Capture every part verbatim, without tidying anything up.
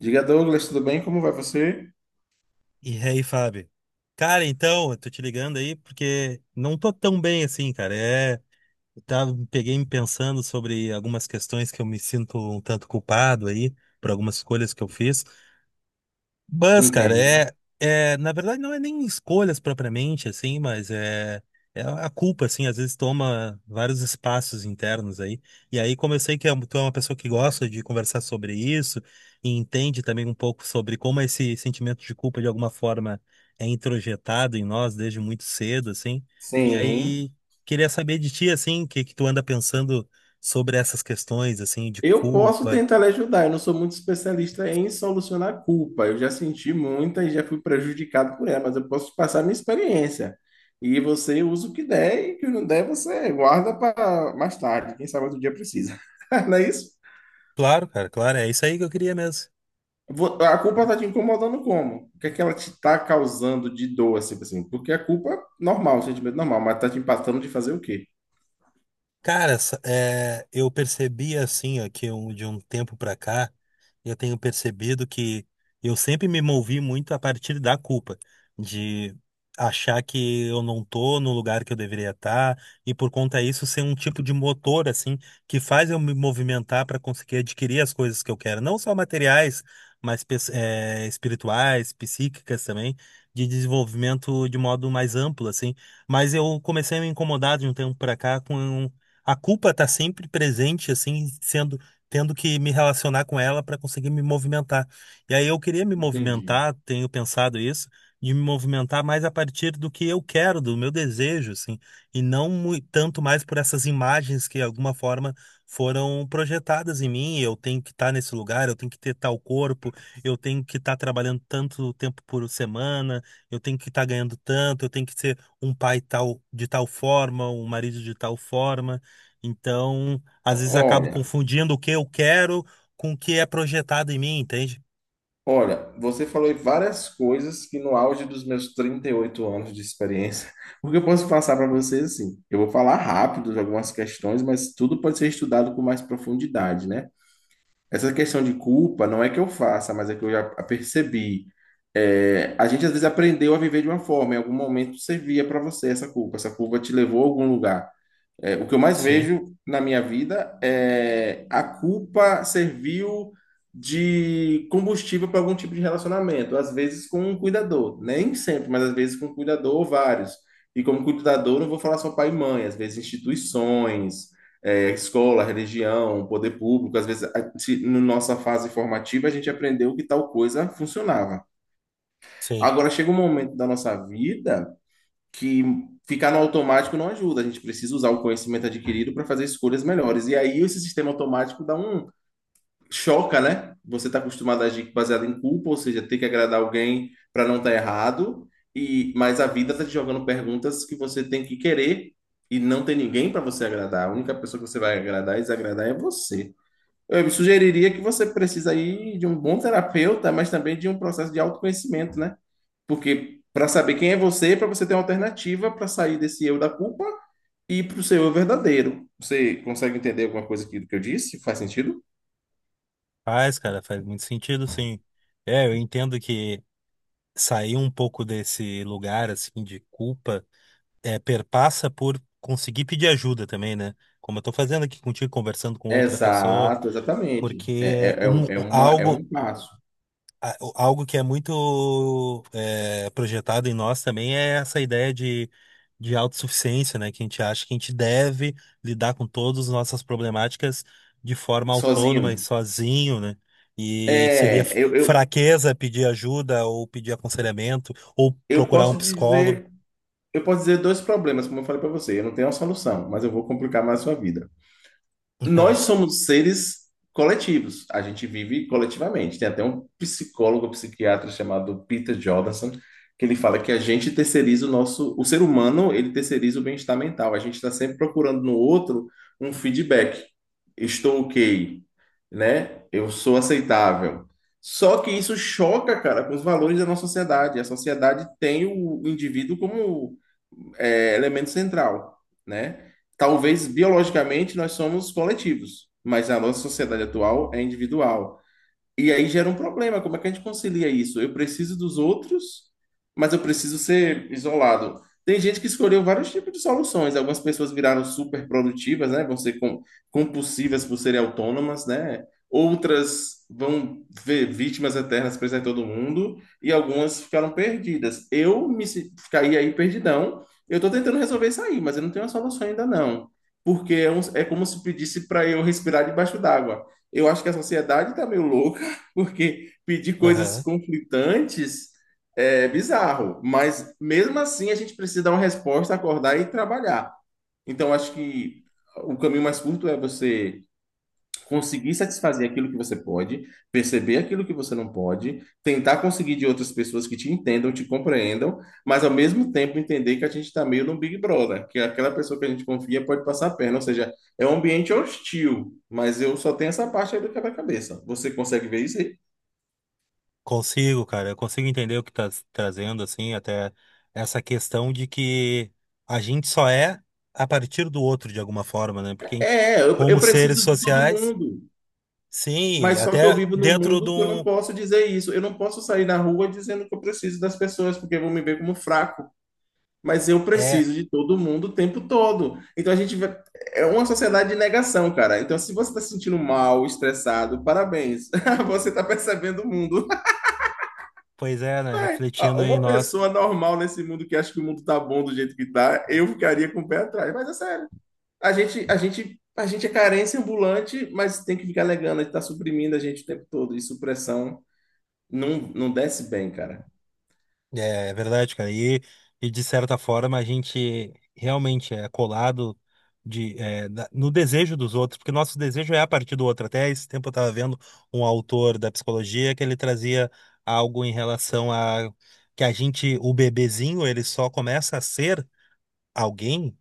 Diga, Douglas, tudo bem? Como vai você? E aí, Fábio? Cara, então, eu tô te ligando aí porque não tô tão bem assim, cara. É, eu tava, peguei me pensando sobre algumas questões que eu me sinto um tanto culpado aí por algumas escolhas que eu fiz. Mas, cara, Entendo. é, é, na verdade não é nem escolhas propriamente, assim, mas é, é a culpa, assim, às vezes toma vários espaços internos aí. E aí, como eu sei que é- um, tu é uma pessoa que gosta de conversar sobre isso e entende também um pouco sobre como esse sentimento de culpa, de alguma forma, é introjetado em nós desde muito cedo, assim. E Sim. aí, queria saber de ti, assim, o que que tu anda pensando sobre essas questões, assim, de Eu posso culpa. tentar lhe ajudar. Eu não sou muito especialista em solucionar a culpa. Eu já senti muita e já fui prejudicado por ela, mas eu posso te passar a minha experiência. E você usa o que der e o que não der você guarda para mais tarde. Quem sabe outro dia precisa. Não é isso? Claro, cara, claro, é isso aí que eu queria mesmo. Vo- A culpa está te incomodando como? O que é que ela te está causando de dor, assim, assim? Porque a culpa é normal, um sentimento é normal, mas está te empatando de fazer o quê? Cara, essa- é, eu percebi assim, ó, que um- de um tempo pra cá, eu tenho percebido que eu sempre me movi muito a partir da culpa, de achar que eu não tô no lugar que eu deveria estar, e por conta disso ser um tipo de motor, assim, que faz eu me movimentar para conseguir adquirir as coisas que eu quero, não só materiais, mas pes- é, espirituais, psíquicas também, de desenvolvimento de modo mais amplo, assim. Mas eu comecei a me incomodar de um tempo para cá com a culpa está sempre presente, assim, sendo, tendo que me relacionar com ela para conseguir me movimentar. E aí eu queria me Entendi. movimentar, tenho pensado isso, de me movimentar mais a partir do que eu quero, do meu desejo, assim, e não mui- tanto mais por essas imagens que, de alguma forma, foram projetadas em mim. Eu tenho que estar nesse lugar, eu tenho que ter tal corpo, eu tenho que estar trabalhando tanto tempo por semana, eu tenho que estar ganhando tanto, eu tenho que ser um pai tal de tal forma, um marido de tal forma. Então, às vezes acabo Olha, confundindo o que eu quero com o que é projetado em mim, entende? Olha, você falou em várias coisas que no auge dos meus trinta e oito anos de experiência, o que eu posso passar para você assim? Eu vou falar rápido de algumas questões, mas tudo pode ser estudado com mais profundidade, né? Essa questão de culpa não é que eu faça, mas é que eu já percebi. É, a gente às vezes aprendeu a viver de uma forma, em algum momento servia para você essa culpa, essa culpa te levou a algum lugar. É, o que eu mais Sim, vejo na minha vida é a culpa serviu de combustível para algum tipo de relacionamento, às vezes com um cuidador, nem sempre, mas às vezes com um cuidador ou vários. E como cuidador, não vou falar só pai e mãe, às vezes instituições, é, escola, religião, poder público, às vezes a- se- na nossa fase formativa a gente aprendeu que tal coisa funcionava. sim. Agora chega um momento da nossa vida que ficar no automático não ajuda. A gente precisa usar o conhecimento adquirido para fazer escolhas melhores. E aí esse sistema automático dá um choca, né? Você está acostumado a agir baseado em culpa, ou seja, ter que agradar alguém para não estar errado. E mas a vida está te jogando perguntas que você tem que querer e não tem ninguém para você agradar. A única pessoa que você vai agradar e desagradar é você. Eu sugeriria que você precisa aí de um bom terapeuta, mas também de um processo de autoconhecimento, né? Porque para saber quem é você, para você ter uma alternativa para sair desse eu da culpa e para o seu eu verdadeiro. Você consegue entender alguma coisa aqui do que eu disse? Faz sentido? Faz, cara, faz muito sentido, sim. É, eu entendo que sair um pouco desse lugar, assim, de culpa, é, perpassa por conseguir pedir ajuda também, né? Como eu tô fazendo aqui contigo, conversando com outra pessoa, Exato, exatamente. É, porque é, é, um, um- é um, uma, é um algo, passo. a- o- Algo que é muito é, projetado em nós também é essa ideia de, de autossuficiência, né? Que a gente acha que a gente deve lidar com todas as nossas problemáticas de forma autônoma e Sozinho. sozinho, né? E seria É, f- eu, eu, fraqueza pedir ajuda ou pedir aconselhamento ou eu procurar um posso psicólogo. dizer, eu posso dizer dois problemas, como eu falei para você. Eu não tenho uma solução, mas eu vou complicar mais a sua vida. Nós somos seres coletivos, a gente vive coletivamente. Tem até um psicólogo, psiquiatra chamado Peter Jordanson, que ele fala que a gente terceiriza o nosso, o ser humano, ele terceiriza o bem-estar mental. A gente está sempre procurando no outro um feedback. Estou ok, né? Eu sou aceitável. Só que isso choca, cara, com os valores da nossa sociedade. A sociedade tem o indivíduo como é, elemento central, né? Talvez biologicamente nós somos coletivos, mas a nossa sociedade atual é individual. E aí gera um problema. Como é que a gente concilia isso? Eu preciso dos outros, mas eu preciso ser isolado. Tem gente que escolheu vários tipos de soluções. Algumas pessoas viraram super produtivas, né? Vão ser com- compulsivas por serem autônomas, né? Outras vão ver vítimas eternas presas em todo mundo e algumas ficaram perdidas. Eu me se- caí aí perdidão. Eu estou tentando resolver isso aí, mas eu não tenho a solução ainda não, porque é, um- é como se pedisse para eu respirar debaixo d'água. Eu acho que a sociedade está meio louca porque pedir coisas Aham. conflitantes é bizarro, mas mesmo assim a gente precisa dar uma resposta, acordar e trabalhar. Então acho que o caminho mais curto é você conseguir satisfazer aquilo que você pode, perceber aquilo que você não pode, tentar conseguir de outras pessoas que te entendam, te compreendam, mas ao mesmo tempo entender que a gente está meio num Big Brother, que aquela pessoa que a gente confia pode passar a perna, ou seja, é um ambiente hostil, mas eu só tenho essa parte aí do quebra-cabeça. Você consegue ver isso aí? Consigo, cara, eu consigo entender o que tá s- trazendo, assim, até essa questão de que a gente só é a partir do outro, de alguma forma, né? Porque a gente, É, eu, eu como seres preciso de todo sociais, mundo. sim, Mas só que eu até vivo num dentro de mundo que eu não um. posso dizer isso. Eu não posso sair na rua dizendo que eu preciso das pessoas, porque vão me ver como fraco. Mas eu É, preciso de todo mundo o tempo todo. Então a gente vai- é uma sociedade de negação, cara. Então se você está se sentindo mal, estressado, parabéns. Você está percebendo o mundo. pois é, né? Refletindo em Uma nós. pessoa normal nesse mundo que acha que o mundo tá bom do jeito que tá, eu ficaria com o pé atrás. Mas é sério. A gente, a gente, a gente é carência ambulante, mas tem que ficar alegando, ele tá suprimindo a gente o tempo todo, e supressão não, não desce bem, cara. É, é verdade, cara. E, e de certa forma a gente realmente é colado de, é, na- no desejo dos outros, porque nosso desejo é a partir do outro. Até esse tempo eu estava vendo um autor da psicologia que ele trazia algo em relação a que a gente, o bebezinho, ele só começa a ser alguém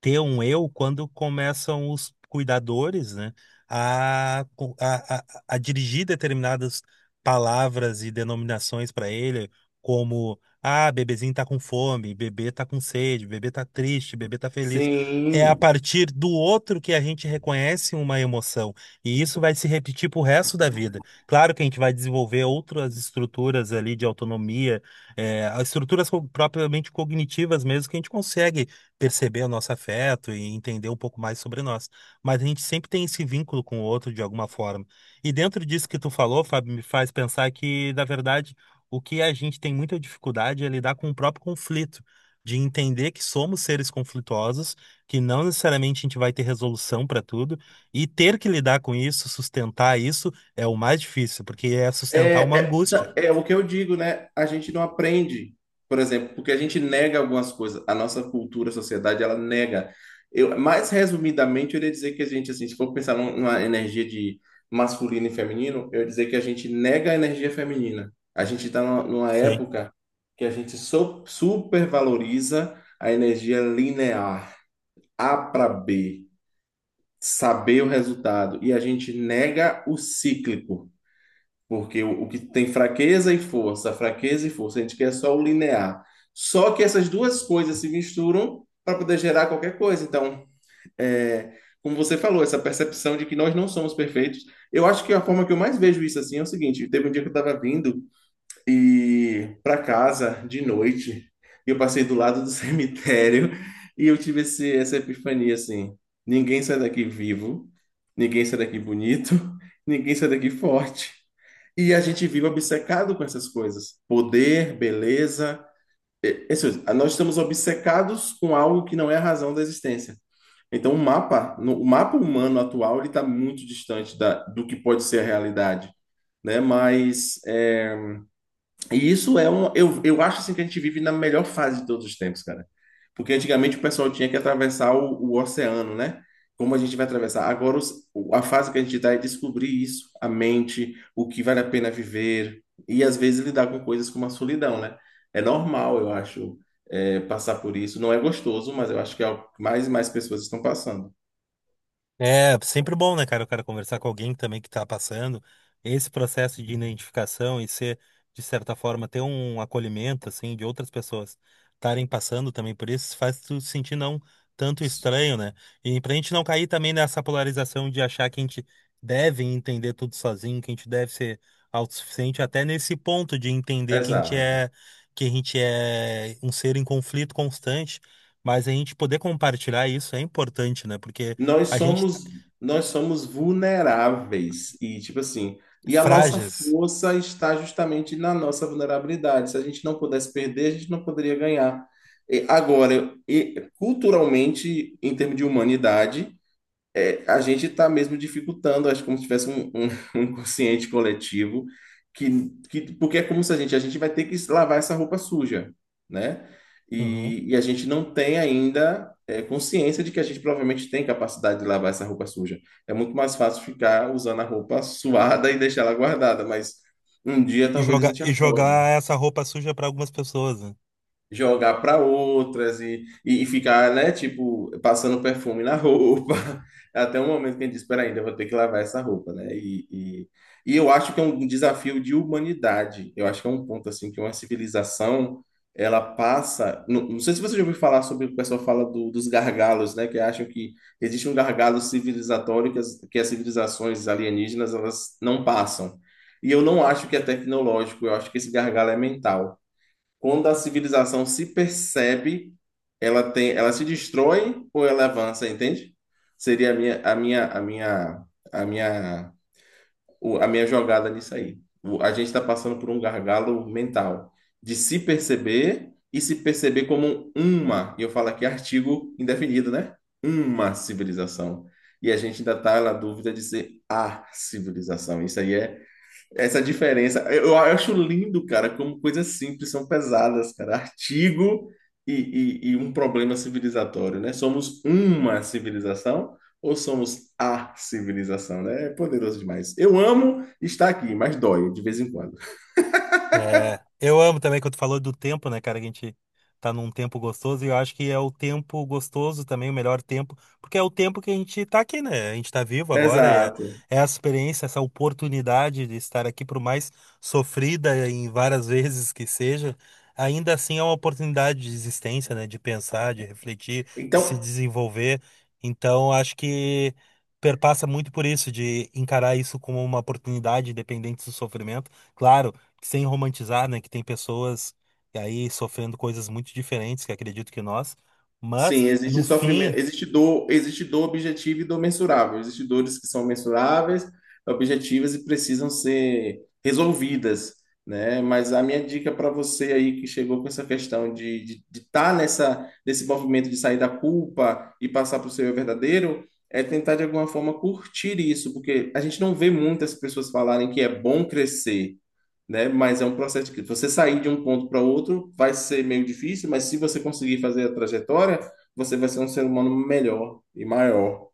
ter um eu quando começam os cuidadores, né, a, co- a, a, a dirigir determinadas palavras e denominações para ele, como ah, bebezinho tá com fome, bebê tá com sede, bebê tá triste, bebê tá feliz. É a Sim. partir do outro que a gente reconhece uma emoção, e isso vai se repetir pro resto da vida. Claro que a gente vai desenvolver outras estruturas ali de autonomia, eh, as estruturas co- propriamente cognitivas mesmo que a gente consegue perceber o nosso afeto e entender um pouco mais sobre nós. Mas a gente sempre tem esse vínculo com o outro de alguma forma. E dentro disso que tu falou, Fábio, me faz pensar que, na verdade, o que a gente tem muita dificuldade é lidar com o próprio conflito, de entender que somos seres conflituosos, que não necessariamente a gente vai ter resolução para tudo, e ter que lidar com isso, sustentar isso, é o mais difícil, porque é sustentar uma É, é, angústia. tá, é o que eu digo, né? A gente não aprende, por exemplo, porque a gente nega algumas coisas. A nossa cultura, a sociedade, ela nega. Eu, mais resumidamente, eu iria dizer que a gente, assim, se for pensar num- numa energia de masculino e feminino, eu ia dizer que a gente nega a energia feminina. A gente está numa, numa Sim. época que a gente so, supervaloriza a energia linear, A para B, saber o resultado, e a gente nega o cíclico. Porque o, o que tem fraqueza e força, fraqueza e força, a gente quer só o linear. Só que essas duas coisas se misturam para poder gerar qualquer coisa. Então, é, como você falou, essa percepção de que nós não somos perfeitos. Eu acho que a forma que eu mais vejo isso assim é o seguinte: teve um dia que eu estava vindo e para casa de noite. E eu passei do lado do cemitério e eu tive esse, essa epifania assim: ninguém sai daqui vivo, ninguém sai daqui bonito, ninguém sai daqui forte. E a gente vive obcecado com essas coisas: poder, beleza. E- esses- Nós estamos obcecados com algo que não é a razão da existência. Então, o mapa, no- o mapa humano atual, ele está muito distante da, do que pode ser a realidade, né? Mas é, e isso é um. Eu, eu acho assim que a gente vive na melhor fase de todos os tempos, cara. Porque antigamente o pessoal tinha que atravessar o, o oceano, né? Como a gente vai atravessar? Agora, os- o- a fase que a gente está é descobrir isso, a mente, o que vale a pena viver, e às vezes lidar com coisas como a solidão, né? É normal, eu acho, é, passar por isso. Não é gostoso, mas eu acho que é o que mais e mais pessoas estão passando. É sempre bom, né, cara, o cara conversar com alguém também que tá passando esse processo de identificação e ser, de certa forma, ter um acolhimento, assim, de outras pessoas estarem passando também por isso, faz tu se sentir não tanto estranho, né? E pra gente não cair também nessa polarização de achar que a gente deve entender tudo sozinho, que a gente deve ser autossuficiente, até nesse ponto de entender que a gente Exato. é, que a gente é um ser em conflito constante, mas a gente poder compartilhar isso é importante, né? Porque Nós a gente somos, nós somos vulneráveis e tipo assim, e a nossa Frages. força está justamente na nossa vulnerabilidade. Se a gente não pudesse perder, a gente não poderia ganhar. E agora, e culturalmente, em termos de humanidade, é, a gente está mesmo dificultando, acho como se tivesse um, um, um inconsciente coletivo, que, que, porque é como se a gente, a gente vai ter que lavar essa roupa suja, né? Uhum. E, e a gente não tem ainda é, consciência de que a gente provavelmente tem capacidade de lavar essa roupa suja. É muito mais fácil ficar usando a roupa suada e deixar ela guardada, mas um dia E talvez a jogar, gente e acorde jogar essa roupa suja para algumas pessoas. Né? jogar para outras e, e, e ficar, né, tipo, passando perfume na roupa, até o momento que a gente diz, espera ainda, eu vou ter que lavar essa roupa, né? E, e, e eu acho que é um desafio de humanidade. Eu acho que é um ponto assim que uma civilização ela passa. Não, não sei se você já ouviu falar sobre o que pessoal fala do, dos gargalos, né? Que acham que existe um gargalo civilizatório que as, que as civilizações alienígenas elas não passam. E eu não acho que é tecnológico, eu acho que esse gargalo é mental. Quando a civilização se percebe, ela tem, ela se destrói ou ela avança, entende? Seria a minha, a minha, a minha, a minha, o- a minha jogada nisso aí. O- A gente está passando por um gargalo mental de se perceber e se perceber como uma, e eu falo aqui artigo indefinido, né? Uma civilização. E a gente ainda está na dúvida de ser a civilização. Isso aí é essa diferença, eu, eu acho lindo, cara, como coisas simples são pesadas, cara. Artigo e, e, e um problema civilizatório, né? Somos uma civilização ou somos a civilização, né? É poderoso demais. Eu amo estar aqui, mas dói de vez em quando. É, eu amo também quando tu falou do tempo, né, cara? Que a gente tá num tempo gostoso e eu acho que é o tempo gostoso também, o melhor tempo, porque é o tempo que a gente tá aqui, né? A gente tá vivo agora, é, Exato. é a experiência, essa oportunidade de estar aqui, por mais sofrida em várias vezes que seja, ainda assim é uma oportunidade de existência, né? De pensar, de refletir, de se Então, desenvolver. Então, acho que perpassa muito por isso, de encarar isso como uma oportunidade, independente do sofrimento. Claro sem romantizar, né, que tem pessoas aí sofrendo coisas muito diferentes, que acredito que nós, sim, mas existe no sofrimento, fim, existe dor, existe dor objetiva e dor mensurável. Existem dores que são mensuráveis, objetivas e precisam ser resolvidas, né? Mas a minha dica para você aí que chegou com essa questão de estar de, de tá nessa nesse movimento de sair da culpa e passar para o seu eu verdadeiro é tentar de alguma forma curtir isso, porque a gente não vê muitas pessoas falarem que é bom crescer, né? Mas é um processo que você sair de um ponto para outro vai ser meio difícil, mas se você conseguir fazer a trajetória, você vai ser um ser humano melhor e maior,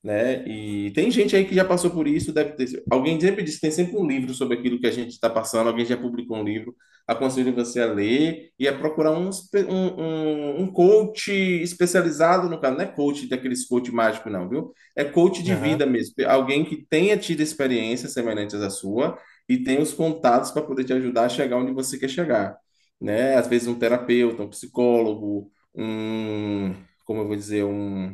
né? E tem gente aí que já passou por isso, deve ter. Alguém sempre disse que tem sempre um livro sobre aquilo que a gente está passando, alguém já publicou um livro. Aconselho você a ler e a procurar um, espe- um, um, um coach especializado no caso. Não é coach daqueles coach mágico, não, viu? É coach de vida aham, mesmo. Alguém que tenha tido experiências semelhantes à sua e tenha os contatos para poder te ajudar a chegar onde você quer chegar, né? Às vezes um terapeuta, um psicólogo, um, como eu vou dizer, um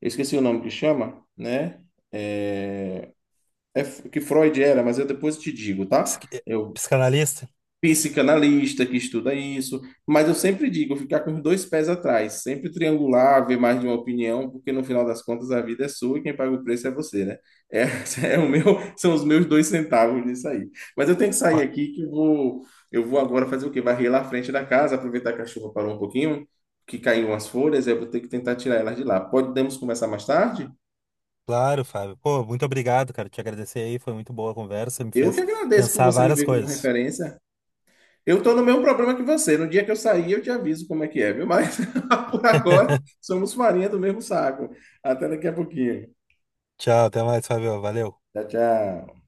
eu esqueci o nome que chama, né? É, é f- que Freud era, mas eu depois te digo, tá? psiqui- eh, Eu psicanalista, psicanalista que estuda isso, mas eu sempre digo, ficar com os dois pés atrás, sempre triangular, ver mais de uma opinião, porque no final das contas a vida é sua e quem paga o preço é você, né? É, é o meu, são os meus dois centavos nisso aí. Mas eu tenho que sair Ó, aqui que eu vou, eu vou agora fazer o quê? Varrer lá à frente da casa, aproveitar que a chuva parou um pouquinho, que caiu umas folhas, eu vou ter que tentar tirar elas de lá. Podemos conversar mais tarde? claro, Fábio, pô, muito obrigado, cara, te agradecer aí, foi muito boa a conversa, me Eu fez que agradeço por pensar você me várias ver como coisas. referência. Eu estou no mesmo problema que você. No dia que eu sair, eu te aviso como é que é, viu? Mas por agora, somos farinha do mesmo saco. Até daqui a pouquinho. Tchau, até mais, Fábio, valeu. Tchau, tchau.